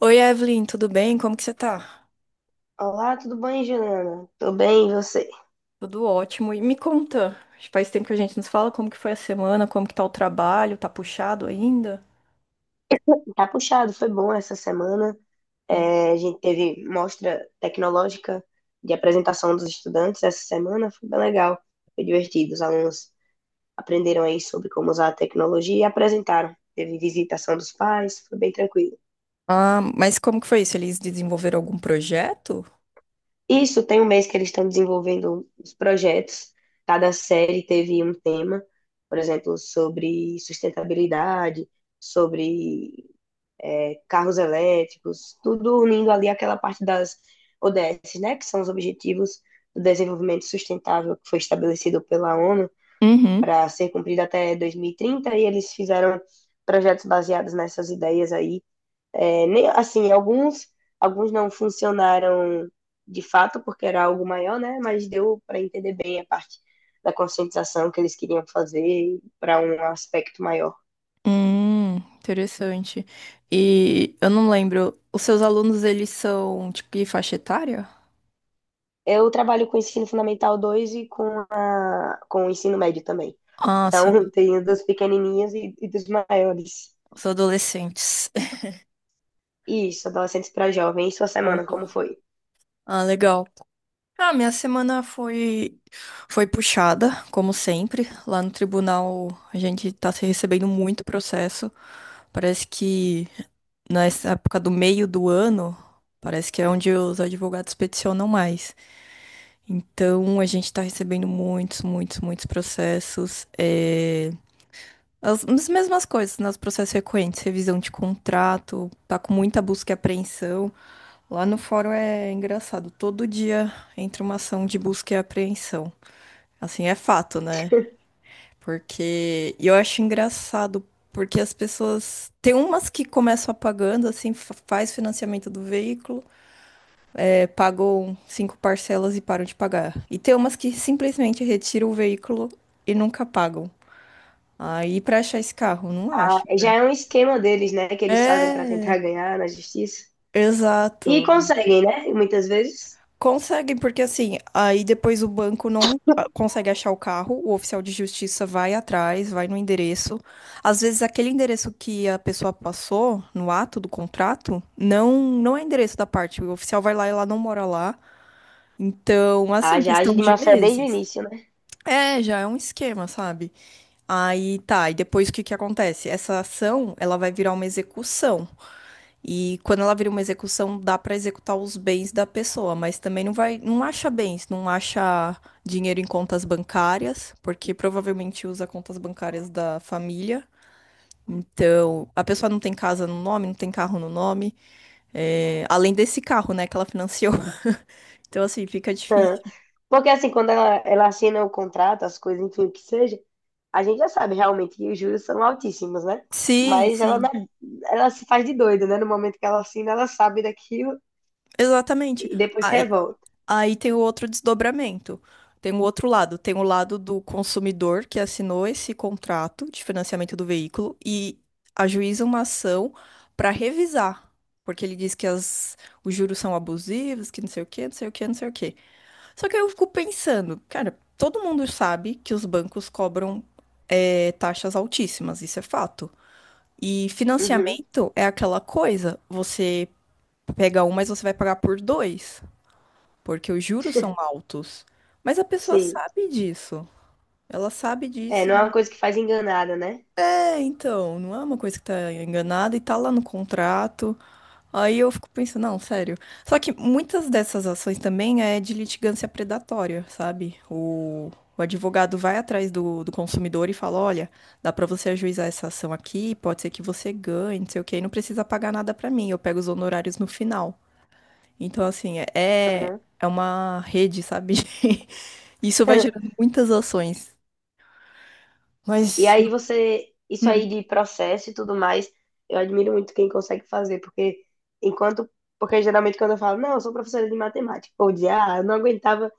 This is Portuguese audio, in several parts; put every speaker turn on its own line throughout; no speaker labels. Oi, Evelyn, tudo bem? Como que você tá?
Olá, tudo bem, Juliana? Tô bem, e você?
Tudo ótimo. E me conta, acho que faz tempo que a gente nos fala, como que foi a semana, como que tá o trabalho, tá puxado ainda?
Tá puxado, foi bom essa semana.
Hum.
É, a gente teve mostra tecnológica de apresentação dos estudantes essa semana, foi bem legal, foi divertido. Os alunos aprenderam aí sobre como usar a tecnologia e apresentaram. Teve visitação dos pais, foi bem tranquilo.
Ah, mas como que foi isso? Eles desenvolveram algum projeto?
Isso, tem um mês que eles estão desenvolvendo os projetos. Cada série teve um tema, por exemplo, sobre sustentabilidade, sobre carros elétricos, tudo unindo ali aquela parte das ODS, né, que são os Objetivos do Desenvolvimento Sustentável que foi estabelecido pela ONU
Uhum.
para ser cumprido até 2030 e eles fizeram projetos baseados nessas ideias aí. É, nem, assim, alguns não funcionaram de fato, porque era algo maior, né, mas deu para entender bem a parte da conscientização que eles queriam fazer para um aspecto maior.
Interessante. E eu não lembro, os seus alunos, eles são, tipo, que faixa etária?
Eu trabalho com o ensino fundamental 2 e com o ensino médio também.
Ah, sim,
Então, tem dos pequenininhos e dos maiores.
os adolescentes.
Isso, adolescentes para jovens, sua
Ah,
semana como foi?
Ah, legal. Ah, minha semana foi puxada, como sempre. Lá no tribunal a gente tá se recebendo muito processo. Parece que nessa época do meio do ano, parece que é onde os advogados peticionam mais. Então a gente tá recebendo muitos, muitos, muitos processos. As mesmas coisas, nos processos frequentes, revisão de contrato, tá com muita busca e apreensão. Lá no fórum é engraçado, todo dia entra uma ação de busca e apreensão. Assim, é fato, né? Porque e eu acho engraçado, porque as pessoas. Tem umas que começam apagando, assim, faz financiamento do veículo, pagam 5 parcelas e param de pagar. E tem umas que simplesmente retiram o veículo e nunca pagam. Aí, pra achar esse carro, não acho.
Já é um esquema deles, né, que eles fazem para
É,
tentar ganhar na justiça. E
exato.
conseguem, né? Muitas vezes.
Conseguem, porque assim, aí depois o banco não consegue achar o carro, o oficial de justiça vai atrás, vai no endereço. Às vezes aquele endereço que a pessoa passou no ato do contrato não é endereço da parte, o oficial vai lá e ela não mora lá. Então,
A
assim,
já age
questão
de
de
má fé desde o
meses.
início, né?
É, já é um esquema, sabe? Aí tá, e depois o que que acontece? Essa ação, ela vai virar uma execução. E quando ela vira uma execução, dá pra executar os bens da pessoa, mas também não vai, não acha bens, não acha dinheiro em contas bancárias, porque provavelmente usa contas bancárias da família. Então, a pessoa não tem casa no nome, não tem carro no nome, além desse carro, né, que ela financiou. Então, assim, fica difícil.
Porque assim, quando ela assina o contrato, as coisas, enfim, o que seja, a gente já sabe realmente que os juros são altíssimos, né?
Sim,
Mas ela,
sim,
é, ela se faz de doida, né? No momento que ela assina, ela sabe daquilo
exatamente.
e depois se revolta.
Aí tem o outro desdobramento. Tem o outro lado. Tem o lado do consumidor que assinou esse contrato de financiamento do veículo e ajuiza uma ação para revisar. Porque ele diz que os juros são abusivos, que não sei o quê, não sei o quê, não sei o quê. Só que eu fico pensando, cara, todo mundo sabe que os bancos cobram taxas altíssimas, isso é fato. E
Uhum.
financiamento é aquela coisa, você pega um, mas você vai pagar por dois, porque os juros são altos. Mas a pessoa
Sim.
sabe disso. Ela sabe
É,
disso.
não é uma coisa que faz enganada, né?
É, então, não é uma coisa que tá enganada e tá lá no contrato. Aí eu fico pensando, não, sério. Só que muitas dessas ações também é de litigância predatória, sabe? O advogado vai atrás do consumidor e fala, olha, dá pra você ajuizar essa ação aqui, pode ser que você ganhe, não sei o quê, e não precisa pagar nada pra mim, eu pego os honorários no final. Então, assim,
Aham.
é uma rede, sabe? Isso vai gerando muitas ações.
E
Mas,
aí você, isso aí
hum,
de processo e tudo mais, eu admiro muito quem consegue fazer, porque enquanto, porque geralmente quando eu falo, não, eu sou professora de matemática, ou de, ah, eu não aguentava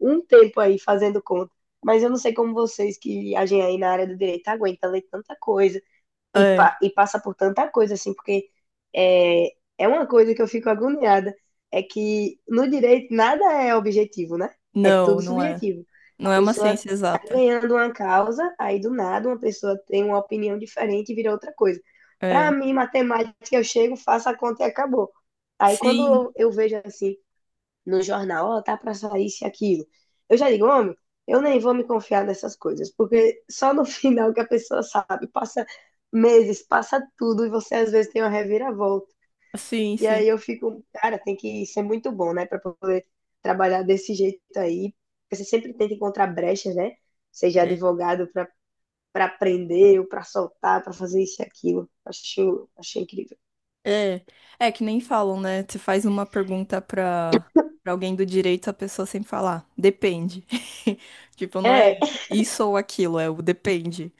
um tempo aí fazendo conta, mas eu não sei como vocês que agem aí na área do direito aguentam ler tanta coisa, e,
é,
e passa por tanta coisa, assim, porque é, é uma coisa que eu fico agoniada, é que no direito nada é objetivo, né? É
não,
tudo
não é.
subjetivo. A
Não é uma
pessoa
ciência
tá
exata.
ganhando uma causa, aí do nada uma pessoa tem uma opinião diferente e vira outra coisa. Para
É.
mim, matemática, eu chego, faço a conta e acabou. Aí
Sim,
quando eu vejo assim no jornal, ó, tá pra sair isso e aquilo. Eu já digo, homem, eu nem vou me confiar nessas coisas, porque só no final que a pessoa sabe, passa meses, passa tudo, e você às vezes tem uma reviravolta.
sim,
E
sim.
aí eu fico, cara, tem que ser muito bom, né, pra poder trabalhar desse jeito aí. Porque você sempre tenta encontrar brechas, né? Seja
É,
advogado pra para prender ou para soltar, para fazer isso e aquilo. Acho, acho incrível.
é, é que nem falam, né? Você faz uma pergunta pra alguém do direito, a pessoa sempre fala, "Ah, depende. Tipo, não é
É,
isso ou aquilo, é o depende.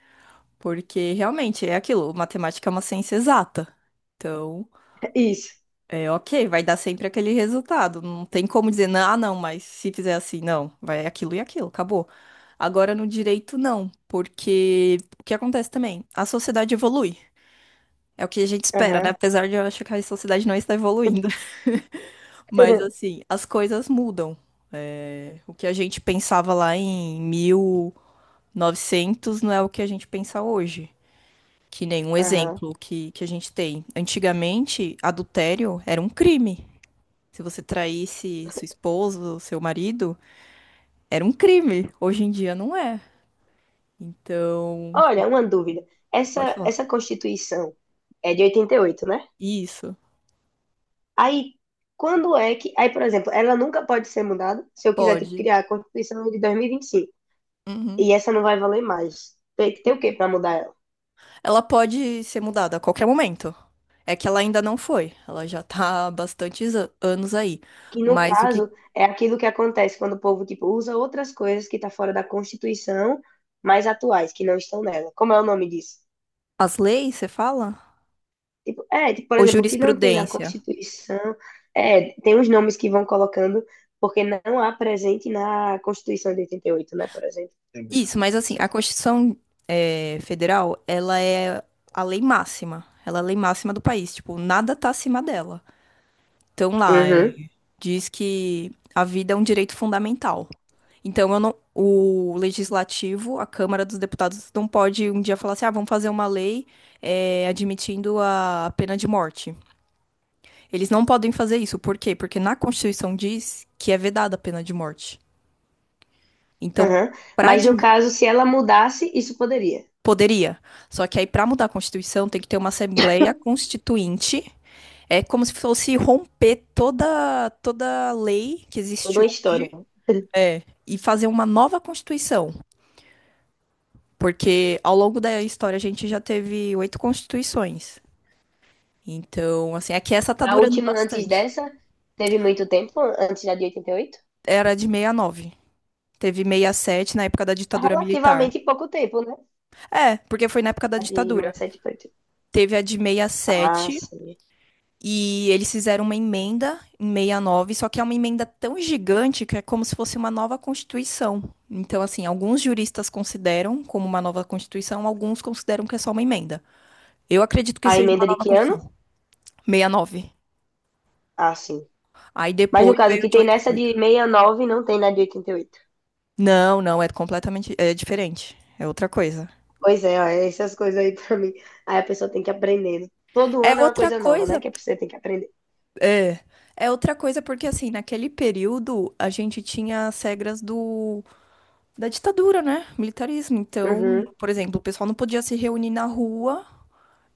Porque realmente é aquilo, matemática é uma ciência exata. Então.
é isso.
É, ok, vai dar sempre aquele resultado. Não tem como dizer, não, ah, não, mas se fizer assim, não, vai aquilo e aquilo, acabou. Agora no direito, não, porque o que acontece também? A sociedade evolui. É o que a gente espera, né?
Aham.
Apesar de eu achar que a sociedade não está evoluindo. Mas assim, as coisas mudam. É, o que a gente pensava lá em 1900 não é o que a gente pensa hoje. Que nem um
Aham.
exemplo que a gente tem. Antigamente, adultério era um crime. Se você traísse sua esposa ou seu marido, era um crime. Hoje em dia não é. Então,
Olha, uma dúvida.
pode
Essa,
falar.
essa Constituição é de 88, né?
Isso,
Aí, quando é que. Aí, por exemplo, ela nunca pode ser mudada, se eu quiser tipo,
pode.
criar a Constituição de 2025. E vinte e
Uhum.
cinco. E essa não vai valer mais. Tem que ter o quê para mudar ela?
Ela pode ser mudada a qualquer momento. É que ela ainda não foi. Ela já tá há bastantes anos aí.
Que, no
Mas o que.
caso, é aquilo que acontece quando o povo tipo, usa outras coisas que tá fora da Constituição, mas atuais, que não estão nela. Como é o nome disso?
As leis, você fala?
Tipo, é, tipo, por
Ou
exemplo, o que não tem na
jurisprudência?
Constituição, é, tem os nomes que vão colocando, porque não há presente na Constituição de 88, né, por exemplo.
Isso, mas assim, a Constituição Federal, ela é a lei máxima. Ela é a lei máxima do país. Tipo, nada tá acima dela. Então lá, é,
Uhum,
diz que a vida é um direito fundamental. Então eu não, o legislativo, a Câmara dos Deputados, não pode um dia falar assim, ah, vamos fazer uma lei admitindo a pena de morte. Eles não podem fazer isso. Por quê? Porque na Constituição diz que é vedada a pena de morte. Então,
uhum.
para
Mas no
admitir.
caso, se ela mudasse, isso poderia.
Poderia. Só que aí, para mudar a Constituição, tem que ter uma Assembleia Constituinte. É como se fosse romper toda lei que
Toda
existe
uma história.
hoje. É, e fazer uma nova Constituição, porque ao longo da história a gente já teve oito constituições. Então, assim, aqui essa tá
A
durando
última antes
bastante.
dessa, teve muito tempo, antes da de 88?
Era de 69. Teve 67 na época da ditadura militar.
Relativamente pouco tempo, né?
É, porque foi na época da
A de
ditadura.
1988.
Teve a de
Ah,
67 e sete
sim.
e eles fizeram uma emenda em 69, só que é uma emenda tão gigante que é como se fosse uma nova constituição. Então, assim, alguns juristas consideram como uma nova constituição, alguns consideram que é só uma emenda. Eu acredito que
A
seja uma
emenda de
nova
que ano?
Constituição. Sessenta e nove.
Ah, sim.
Aí
Mas no
depois
caso, o
veio a
que
de
tem
oitenta e
nessa de
oito.
69 não tem na de 88.
Não, não, é completamente é diferente. É outra coisa.
Pois é, ó, essas coisas aí pra mim. Aí a pessoa tem que aprender. Todo
É
ano é uma
outra
coisa nova, né?
coisa.
Que você tem que aprender.
É. É outra coisa porque assim, naquele período a gente tinha as regras do da ditadura, né? Militarismo. Então,
Uhum,
por exemplo, o pessoal não podia se reunir na rua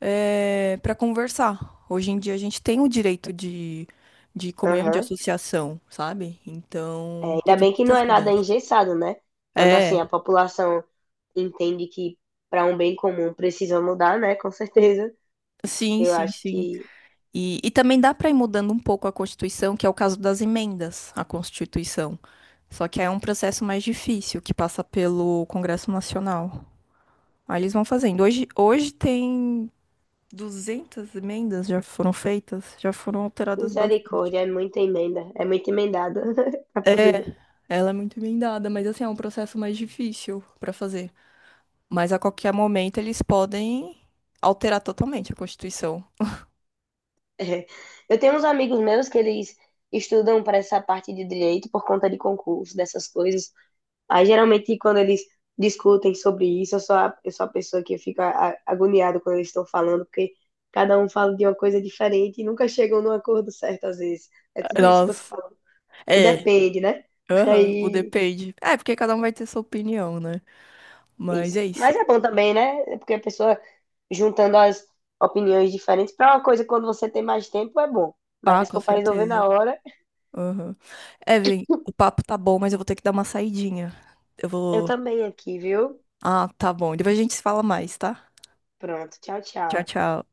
para conversar. Hoje em dia a gente tem o direito de comunhão de
aham.
associação, sabe?
É,
Então,
ainda
teve
bem que não
muitas
é nada
mudanças.
engessado, né? Quando assim a
É,
população entende que para um bem comum precisa mudar, né? Com certeza.
sim,
Eu
sim,
acho
sim.
que
E também dá para ir mudando um pouco a Constituição, que é o caso das emendas à Constituição. Só que aí é um processo mais difícil, que passa pelo Congresso Nacional. Aí eles vão fazendo. Hoje tem 200 emendas, já foram feitas, já foram alteradas bastante.
misericórdia é muita emenda, é muito emendada para poder.
Ela é muito emendada, mas assim, é um processo mais difícil para fazer. Mas a qualquer momento eles podem alterar totalmente a Constituição.
É. Eu tenho uns amigos meus que eles estudam para essa parte de direito por conta de concurso, dessas coisas. Aí, geralmente, quando eles discutem sobre isso, eu sou a pessoa que fica agoniada quando eles estão falando, porque cada um fala de uma coisa diferente e nunca chegam num acordo certo, às vezes. É tudo isso que você
Nós.
fala. O
É.
depende, né?
Aham, o
Aí,
depende. É, porque cada um vai ter sua opinião, né? Mas
isso.
é isso.
Mas é bom também, né? É porque a pessoa juntando as opiniões diferentes para uma coisa, quando você tem mais tempo, é bom.
Ah,
Mas se
com
for para resolver na
certeza.
hora,
Aham. Evelyn, o papo tá bom, mas eu vou ter que dar uma saidinha. Eu
eu
vou.
também aqui, viu?
Ah, tá bom. Depois a gente se fala mais, tá?
Pronto, tchau,
Tchau,
tchau.
tchau.